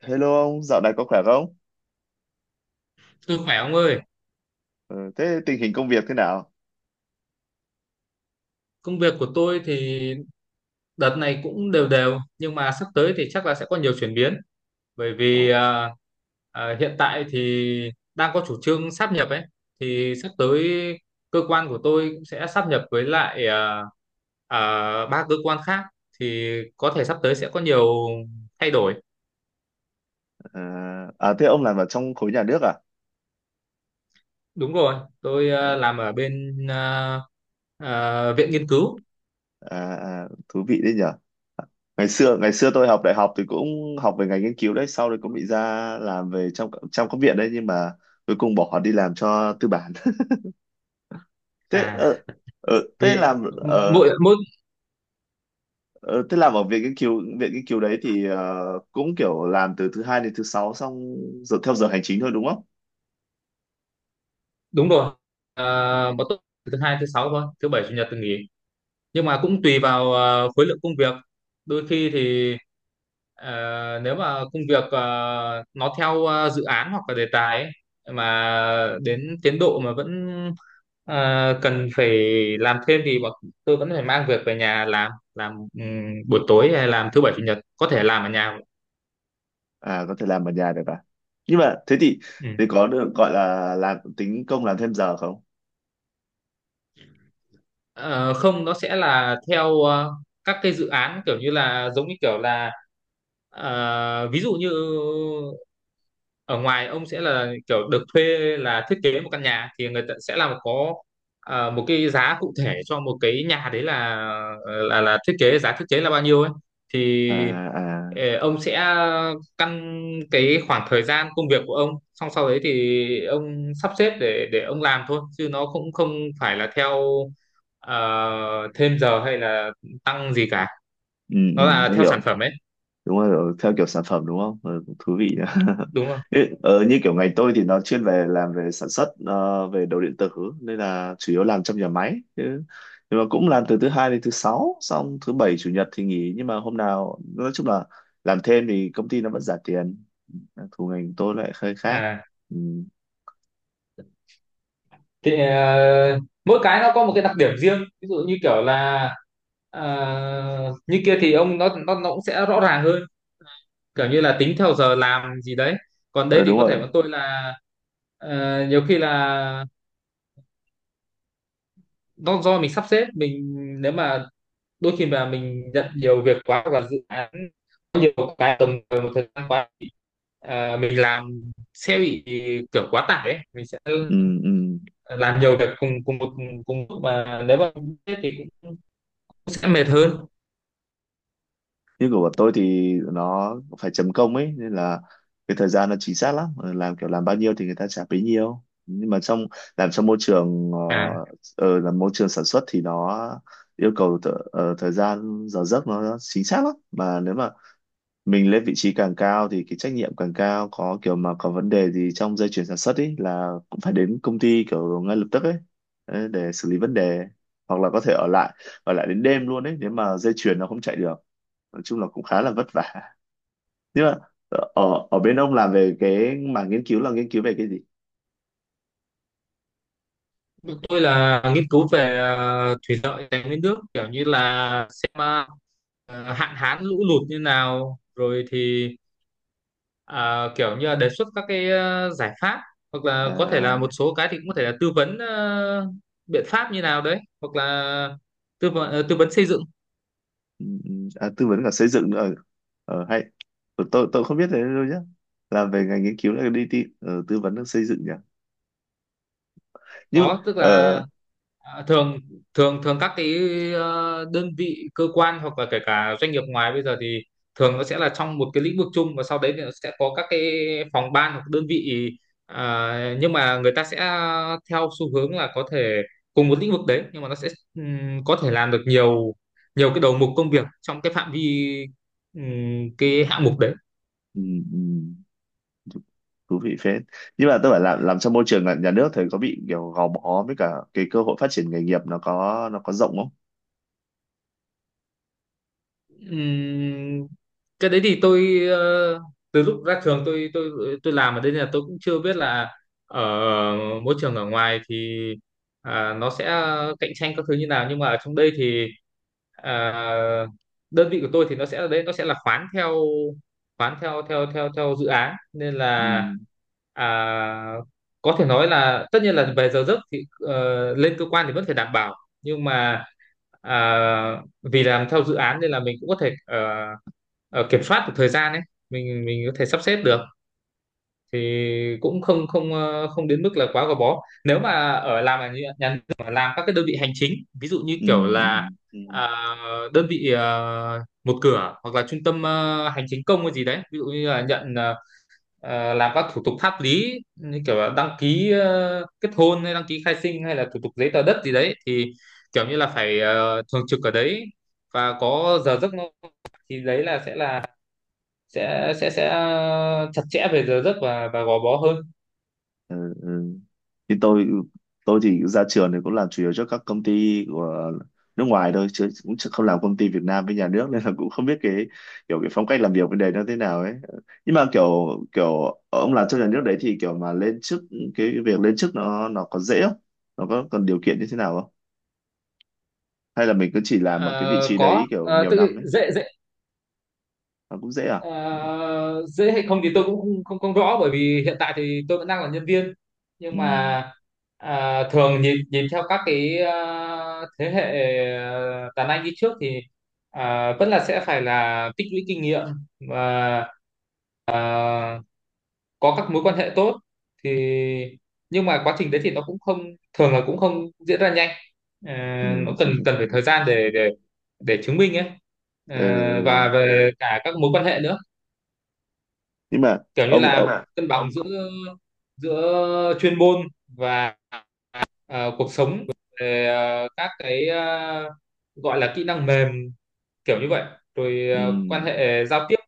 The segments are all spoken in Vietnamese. Hello ông, dạo này có khỏe không? Tôi khỏe ông ơi, Ờ, Thế tình hình công việc thế nào? công việc của tôi thì đợt này cũng đều đều, nhưng mà sắp tới thì chắc là sẽ có nhiều chuyển biến bởi vì Ồ. Hiện tại thì đang có chủ trương sáp nhập ấy, thì sắp tới cơ quan của tôi cũng sẽ sáp nhập với lại à, ba cơ quan khác, thì có thể sắp tới sẽ có nhiều thay đổi. À, à thế ông làm ở trong khối nhà nước à? Đúng rồi, tôi Ờ. Làm ở bên viện nghiên cứu. À, à thú vị đấy nhở. Ngày xưa tôi học đại học thì cũng học về ngành nghiên cứu đấy, sau đấy cũng bị ra làm về trong trong các viện đấy nhưng mà cuối cùng bỏ đi làm cho tư bản. Thế À ờ, ờ, thì thế làm ờ, mỗi mỗi ờ, Thế làm ở viện nghiên cứu đấy thì cũng kiểu làm từ thứ hai đến thứ sáu xong giờ theo giờ hành chính thôi đúng không? đúng rồi, à, bọn tôi thứ hai thứ sáu thôi, thứ bảy chủ nhật thì nghỉ, nhưng mà cũng tùy vào khối lượng công việc. Đôi khi thì nếu mà công việc nó theo dự án hoặc là đề tài ấy, mà đến tiến độ mà vẫn cần phải làm thêm thì bọn tôi vẫn phải mang việc về nhà làm, buổi tối hay làm thứ bảy chủ nhật, có thể làm ở nhà. À, có thể làm ở nhà được à, nhưng mà thế thì Ừ. Có được gọi là làm tính công làm thêm giờ không? Ờ, Không, nó sẽ là theo các cái dự án, kiểu như là giống như kiểu là, ví dụ như ở ngoài ông sẽ là kiểu được thuê là thiết kế một căn nhà, thì người ta sẽ làm có một cái giá cụ thể cho một cái nhà đấy, là thiết kế, giá thiết kế là bao nhiêu ấy. À. Thì À. Ông sẽ căn cái khoảng thời gian công việc của ông, xong sau đấy thì ông sắp xếp để ông làm thôi, chứ nó cũng không phải là theo ờ, thêm giờ hay là tăng gì cả, Ừ, ừ nó là tôi theo hiểu. sản phẩm ấy, Đúng rồi, theo kiểu sản phẩm đúng không? Ừ, cũng thú vị nhỉ. đúng không. Ê, như kiểu ngành tôi thì nó chuyên về làm về sản xuất, về đồ điện tử nên là chủ yếu làm trong nhà máy chứ, nhưng mà cũng làm từ thứ hai đến thứ sáu xong thứ bảy chủ nhật thì nghỉ, nhưng mà hôm nào nói chung là làm thêm thì công ty nó vẫn trả tiền. Thủ ngành tôi lại hơi khác. À Ừ. thì mỗi cái nó có một cái đặc điểm riêng, ví dụ như kiểu là ờ, như kia thì ông nó cũng sẽ rõ ràng hơn, kiểu như là tính theo giờ làm gì đấy. Còn đây Ờ thì đúng có rồi. thể bọn tôi là nhiều khi là nó do mình sắp xếp mình, nếu mà đôi khi mà mình nhận nhiều việc quá hoặc là dự án có nhiều cái tầm một thời gian quá thì mình làm sẽ bị kiểu quá tải ấy. Mình sẽ Ừ, ừ. làm nhiều việc cùng cùng một cùng lúc, mà nếu mà thế thì cũng sẽ mệt hơn. Như của bọn tôi thì nó phải chấm công ấy, nên là cái thời gian nó chính xác lắm. Ờ, làm kiểu làm bao nhiêu thì người ta trả bấy nhiêu, nhưng mà làm trong môi trường À, là môi trường sản xuất thì nó yêu cầu thời gian giờ giấc nó chính xác lắm, mà nếu mà mình lên vị trí càng cao thì cái trách nhiệm càng cao, có kiểu mà có vấn đề gì trong dây chuyền sản xuất ấy là cũng phải đến công ty kiểu ngay lập tức ấy, để xử lý vấn đề, hoặc là có thể ở lại, đến đêm luôn ấy nếu mà dây chuyền nó không chạy được. Nói chung là cũng khá là vất vả, nhưng mà ở ở bên ông làm về cái mảng nghiên cứu là nghiên cứu về cái gì? tôi là nghiên cứu về thủy lợi, tài nguyên nước, kiểu như là xem hạn hán lũ lụt như nào, rồi thì kiểu như là đề xuất các cái giải pháp, hoặc là có thể là một À. số cái thì cũng có thể là tư vấn biện pháp như nào đấy, hoặc là tư vấn tư vấn xây dựng. Ừ, ừ. À, tư vấn cả xây dựng nữa. Ờ, Hay, tôi không biết thế đâu nhá, làm về ngành nghiên cứu là đi tư vấn xây dựng nhỉ. nhưng Có tức là, ờ, À, thường thường thường các cái đơn vị cơ quan hoặc là kể cả doanh nghiệp ngoài bây giờ thì thường nó sẽ là trong một cái lĩnh vực chung, và sau đấy thì nó sẽ có các cái phòng ban hoặc đơn vị, nhưng mà người ta sẽ theo xu hướng là có thể cùng một lĩnh vực đấy, nhưng mà nó sẽ có thể làm được nhiều nhiều cái đầu mục công việc trong cái phạm vi, cái hạng mục đấy. ừ, ừ. Thú vị phết. Nhưng mà tôi phải làm trong môi trường là nhà nước thì có bị kiểu gò bó, với cả cái cơ hội phát triển nghề nghiệp nó có, rộng không? Ừm, cái đấy thì tôi từ lúc ra trường tôi làm ở đây, nên là tôi cũng chưa biết là ở môi trường ở ngoài thì nó sẽ cạnh tranh các thứ như nào, nhưng mà ở trong đây thì à, đơn vị của tôi thì nó sẽ ở đấy, nó sẽ là khoán theo, khoán theo theo theo theo dự án, nên là Ừ. à, có thể nói là tất nhiên là về giờ giấc thì lên cơ quan thì vẫn phải đảm bảo, nhưng mà à, vì làm theo dự án nên là mình cũng có thể kiểm soát được thời gian ấy, mình có thể sắp xếp được, thì cũng không không ờ, không đến mức là quá gò bó. Nếu mà ở làm ở nhà nhà nước mà làm các cái đơn vị hành chính, ví dụ như Ừ. kiểu Ừ. là Ừ. Đơn vị một cửa hoặc là trung tâm hành chính công hay gì đấy, ví dụ như là nhận làm các thủ tục pháp lý như kiểu là đăng ký kết hôn, hay đăng ký khai sinh, hay là thủ tục giấy tờ đất gì đấy, thì kiểu như là phải thường trực ở đấy và có giờ giấc. Nó thì đấy là sẽ là sẽ chặt chẽ về giờ giấc và gò bó hơn. Ừ. Ừ. Thì tôi, thì ra trường thì cũng làm chủ yếu cho các công ty của nước ngoài thôi, chứ cũng chứ không làm công ty Việt Nam với nhà nước. Nên là cũng không biết cái kiểu cái phong cách làm việc bên đấy nó thế nào ấy. Nhưng mà kiểu kiểu ông làm trong nhà nước đấy thì kiểu mà lên chức, cái việc lên chức nó có dễ không? Nó có cần điều kiện như thế nào không? Hay là mình cứ chỉ làm một cái vị Ờ, trí có đấy kiểu ờ, nhiều tự năm ấy? dễ dễ Nó cũng dễ à? Ờ, Dễ hay không thì tôi cũng không không rõ, bởi vì hiện tại thì tôi vẫn đang là nhân viên, nhưng Ừ, mà thường nhìn nhìn theo các cái thế hệ đàn anh đi trước thì vẫn là sẽ phải là tích lũy kinh nghiệm và có các mối quan hệ tốt thì, nhưng mà quá trình đấy thì nó cũng không, thường là cũng không diễn ra nhanh. Ờ, ừ. nó cần cần phải thời gian để để chứng minh ấy. Ờ, Ừ. và về cả các mối quan hệ nữa, Nhưng mà kiểu như ông là ông mà cân bằng giữa giữa chuyên môn và cuộc sống, về các cái gọi là kỹ năng mềm kiểu như vậy, rồi ừ. quan hệ giao tiếp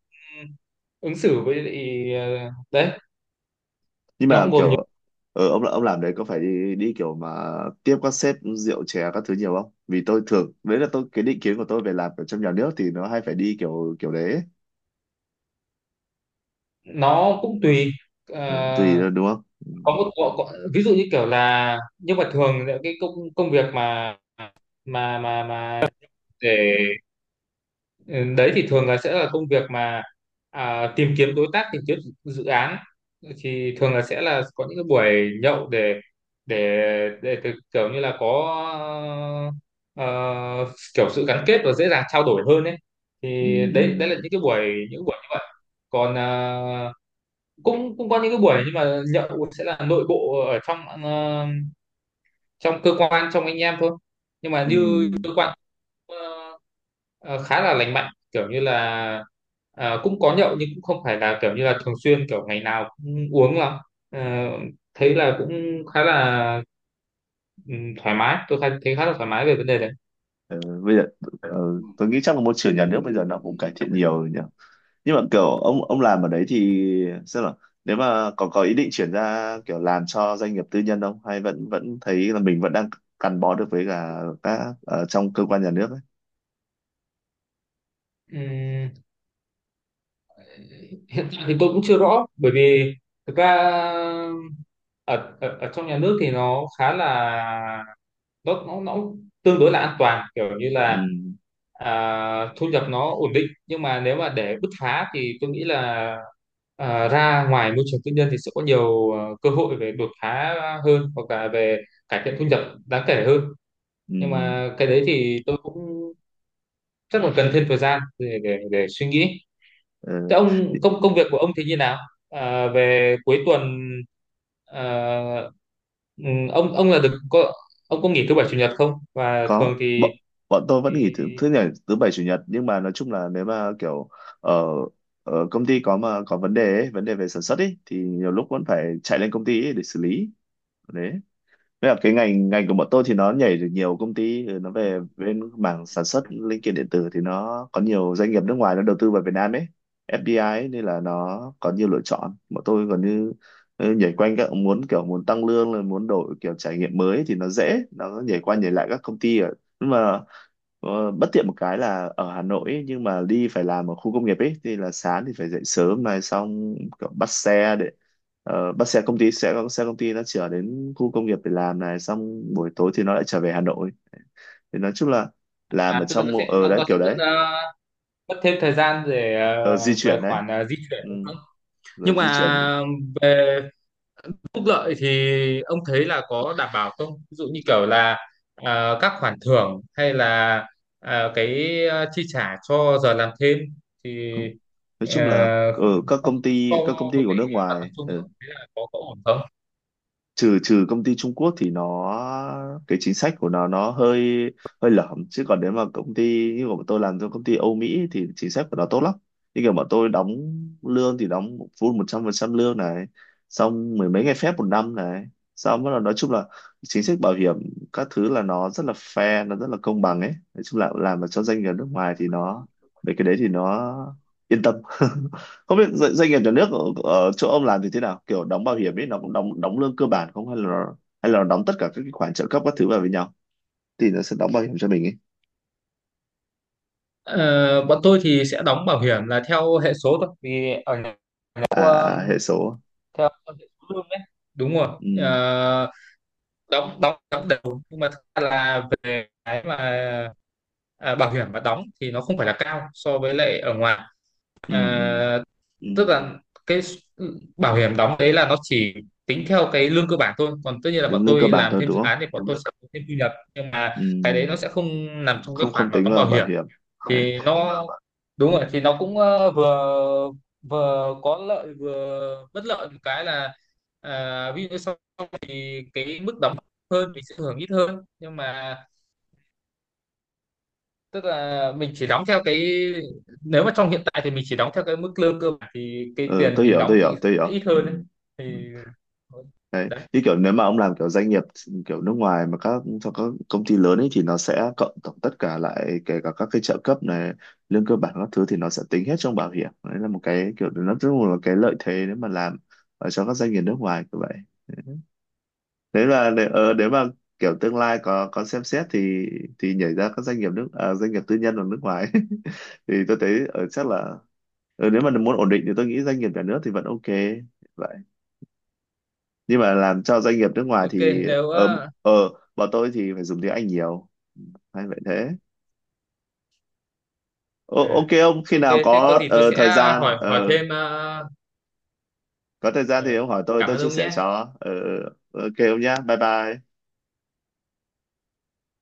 ứng xử với lại, đấy, Nhưng nó mà cũng gồm nhiều. kiểu ông làm đấy có phải đi đi kiểu mà tiếp các sếp rượu chè các thứ nhiều không? Vì tôi thường đấy là tôi, cái định kiến của tôi về làm ở trong nhà nước thì nó hay phải đi kiểu kiểu đấy ấy. Nó cũng tùy. Ờ, Ờ, tùy thôi, đúng không? Ừ. có một ví dụ như kiểu là, nhưng mà thường là cái công công việc mà mà để Ừ, đấy, thì thường là sẽ là công việc mà tìm kiếm đối tác, tìm kiếm dự dự án, thì thường là sẽ là có những cái buổi nhậu để để kiểu như là có ờ, kiểu sự gắn kết và dễ dàng trao đổi hơn ấy. Thì Ừ. Ừ. đấy, đấy là những cái buổi, những buổi như vậy. Còn cũng cũng có những cái buổi nhưng mà nhậu sẽ là nội bộ ở trong trong cơ quan, trong anh em thôi, nhưng mà Ừ. như ờ, ờ, khá là lành mạnh, kiểu như là cũng có nhậu nhưng cũng không phải là kiểu như là thường xuyên, kiểu ngày nào cũng uống lắm. Ờ, Thấy là cũng khá là ừ, thoải mái, thấy khá là thoải mái về vấn đề đấy. Ờ, bây giờ tôi nghĩ chắc là môi trường nhà nước bây giờ nó cũng cải thiện nhiều rồi nhỉ. Nhưng mà kiểu ông làm ở đấy thì sao, là nếu mà còn có ý định chuyển ra kiểu làm cho doanh nghiệp tư nhân không, hay vẫn vẫn thấy là mình vẫn đang gắn bó được với cả các ở trong cơ quan nhà nước ấy? Ừ, hiện tại thì tôi cũng chưa rõ, bởi vì thực ra ở, ở ở trong nhà nước thì nó khá là, nó tương đối là an toàn, kiểu như Ừ. là thu nhập nó ổn định, nhưng mà nếu mà để bứt phá thì tôi nghĩ là ra ngoài môi trường tư nhân thì sẽ có nhiều cơ hội về đột phá hơn, hoặc là về cải thiện thu nhập đáng kể hơn, Ừ. nhưng mà cái đấy thì tôi cũng chắc là cần thêm thời gian để để suy nghĩ. Ờ, Thế thì ông, công công việc của ông thì như nào? À, về cuối tuần à, ừ, ông ông là được có ông có nghỉ thứ bảy chủ nhật không? Và có, thường bọn bọn tôi vẫn thì nghỉ thứ thứ nhảy thứ bảy chủ nhật, nhưng mà nói chung là nếu mà kiểu ở ở công ty có, mà có vấn đề ấy, vấn đề về sản xuất ấy, thì nhiều lúc vẫn phải chạy lên công ty ấy để xử lý. Đấy. Thế là cái ngành ngành của bọn tôi thì nó nhảy được nhiều công ty, ừ, nó về bên mảng sản xuất linh kiện điện tử thì nó có nhiều doanh nghiệp nước ngoài nó đầu tư vào Việt Nam ấy, FDI ấy, nên là nó có nhiều lựa chọn. Bọn tôi còn như, ừ, nhảy quanh các, muốn kiểu muốn tăng lương rồi muốn đổi kiểu trải nghiệm mới thì nó dễ, nó nhảy qua nhảy lại các công ty. Ở, nhưng mà bất tiện một cái là ở Hà Nội ấy, nhưng mà đi phải làm ở khu công nghiệp ấy thì là sáng thì phải dậy sớm này, xong kiểu bắt xe để, ờ, bắt xe công ty, sẽ có xe công ty nó chở đến khu công nghiệp để làm này, xong buổi tối thì nó lại trở về Hà Nội. Thì nói chung là làm à ở tức là trong nó mô- sẽ ờ đấy nó sẽ kiểu mất đấy. Mất thêm thời gian để Ờ, di về chuyển đấy. khoản di chuyển Ừ, đúng không? Nhưng rồi di chuyển. mà về phúc lợi thì ông thấy là có đảm bảo không? Ví dụ như kiểu là các khoản thưởng, hay là cái chi trả cho giờ làm thêm, thì Nói chung là à, ở các công so ty, các công ty với của lại nước mặt ngoài, bằng chung thì ông thấy là có ổn không? trừ trừ công ty Trung Quốc thì nó, cái chính sách của nó hơi, hơi lởm, chứ còn nếu mà công ty như của bọn tôi làm cho công ty Âu Mỹ thì chính sách của nó tốt lắm. Như kiểu bọn tôi đóng lương thì đóng full 100% lương này, xong mười mấy ngày phép một năm này, xong bắt đầu nói chung là chính sách bảo hiểm các thứ là nó rất là fair, nó rất là công bằng ấy. Nói chung là làm mà cho doanh nghiệp nước ngoài thì nó, về cái đấy thì nó yên tâm. Không biết doanh nghiệp nhà nước ở chỗ ông làm thì thế nào, kiểu đóng bảo hiểm ấy nó cũng đóng, đóng lương cơ bản không, hay là nó đóng tất cả các cái khoản trợ cấp các thứ vào với nhau thì nó sẽ đóng bảo hiểm cho mình ấy? Ờ, bọn tôi thì sẽ đóng bảo hiểm là theo hệ số thôi, vì ở nhà theo, À. À, hệ số. theo hệ số lương đấy, đúng rồi. Ừ, Ờ, đóng đóng đóng đều, nhưng mà thật ra là về cái mà bảo hiểm mà đóng thì nó không phải là cao so với lại ở ngoài. ừ, ừ. à, Ừ, tức là cái bảo hiểm đóng đấy là nó chỉ tính theo cái lương cơ bản thôi, còn tất nhiên là bọn Đúng lương cơ tôi bản làm thôi thêm đúng dự không? án thì bọn tôi sẽ có thêm thu nhập, nhưng mà cái đấy nó Ừ. sẽ không nằm trong cái Không, không khoản mà tính đóng vào bảo bảo hiểm. hiểm. Đấy. Thì nó, đúng rồi, thì nó cũng vừa, vừa có lợi vừa bất lợi. Một cái là ví dụ sau thì cái mức đóng hơn mình sẽ hưởng ít hơn, nhưng mà tức là mình chỉ đóng theo cái, nếu mà trong hiện tại thì mình chỉ đóng theo cái mức lương cơ bản, thì cái Ừ, tiền tôi mình hiểu, đóng thì sẽ ít ừ. hơn ấy. Thì Ừ. Đấy. đấy, Như kiểu nếu mà ông làm kiểu doanh nghiệp kiểu nước ngoài, mà các cho các công ty lớn ấy, thì nó sẽ cộng tổng tất cả lại, kể cả các cái trợ cấp này, lương cơ bản các thứ, thì nó sẽ tính hết trong bảo hiểm. Đấy là một cái kiểu nó rất là, một cái lợi thế nếu mà làm ở cho các doanh nghiệp nước ngoài như vậy. Nếu là để, nếu mà kiểu tương lai có, xem xét thì, nhảy ra các doanh nghiệp doanh nghiệp tư nhân ở nước ngoài. Thì tôi thấy ở, chắc là nếu mà muốn ổn định thì tôi nghĩ doanh nghiệp nhà nước thì vẫn ok, nhưng mà làm cho doanh nghiệp nước ngoài ok. thì Nếu ở ở bọn tôi thì phải dùng tiếng Anh nhiều. Hay vậy thế. Ô, à, ok, ông khi ok nào thế có có gì tôi sẽ thời gian, hỏi hỏi thêm có thời gian thì ờ, ông hỏi tôi cảm tôi ơn chia ông sẻ nhé. cho. Ờ, ờ, ok ông nhá, bye bye.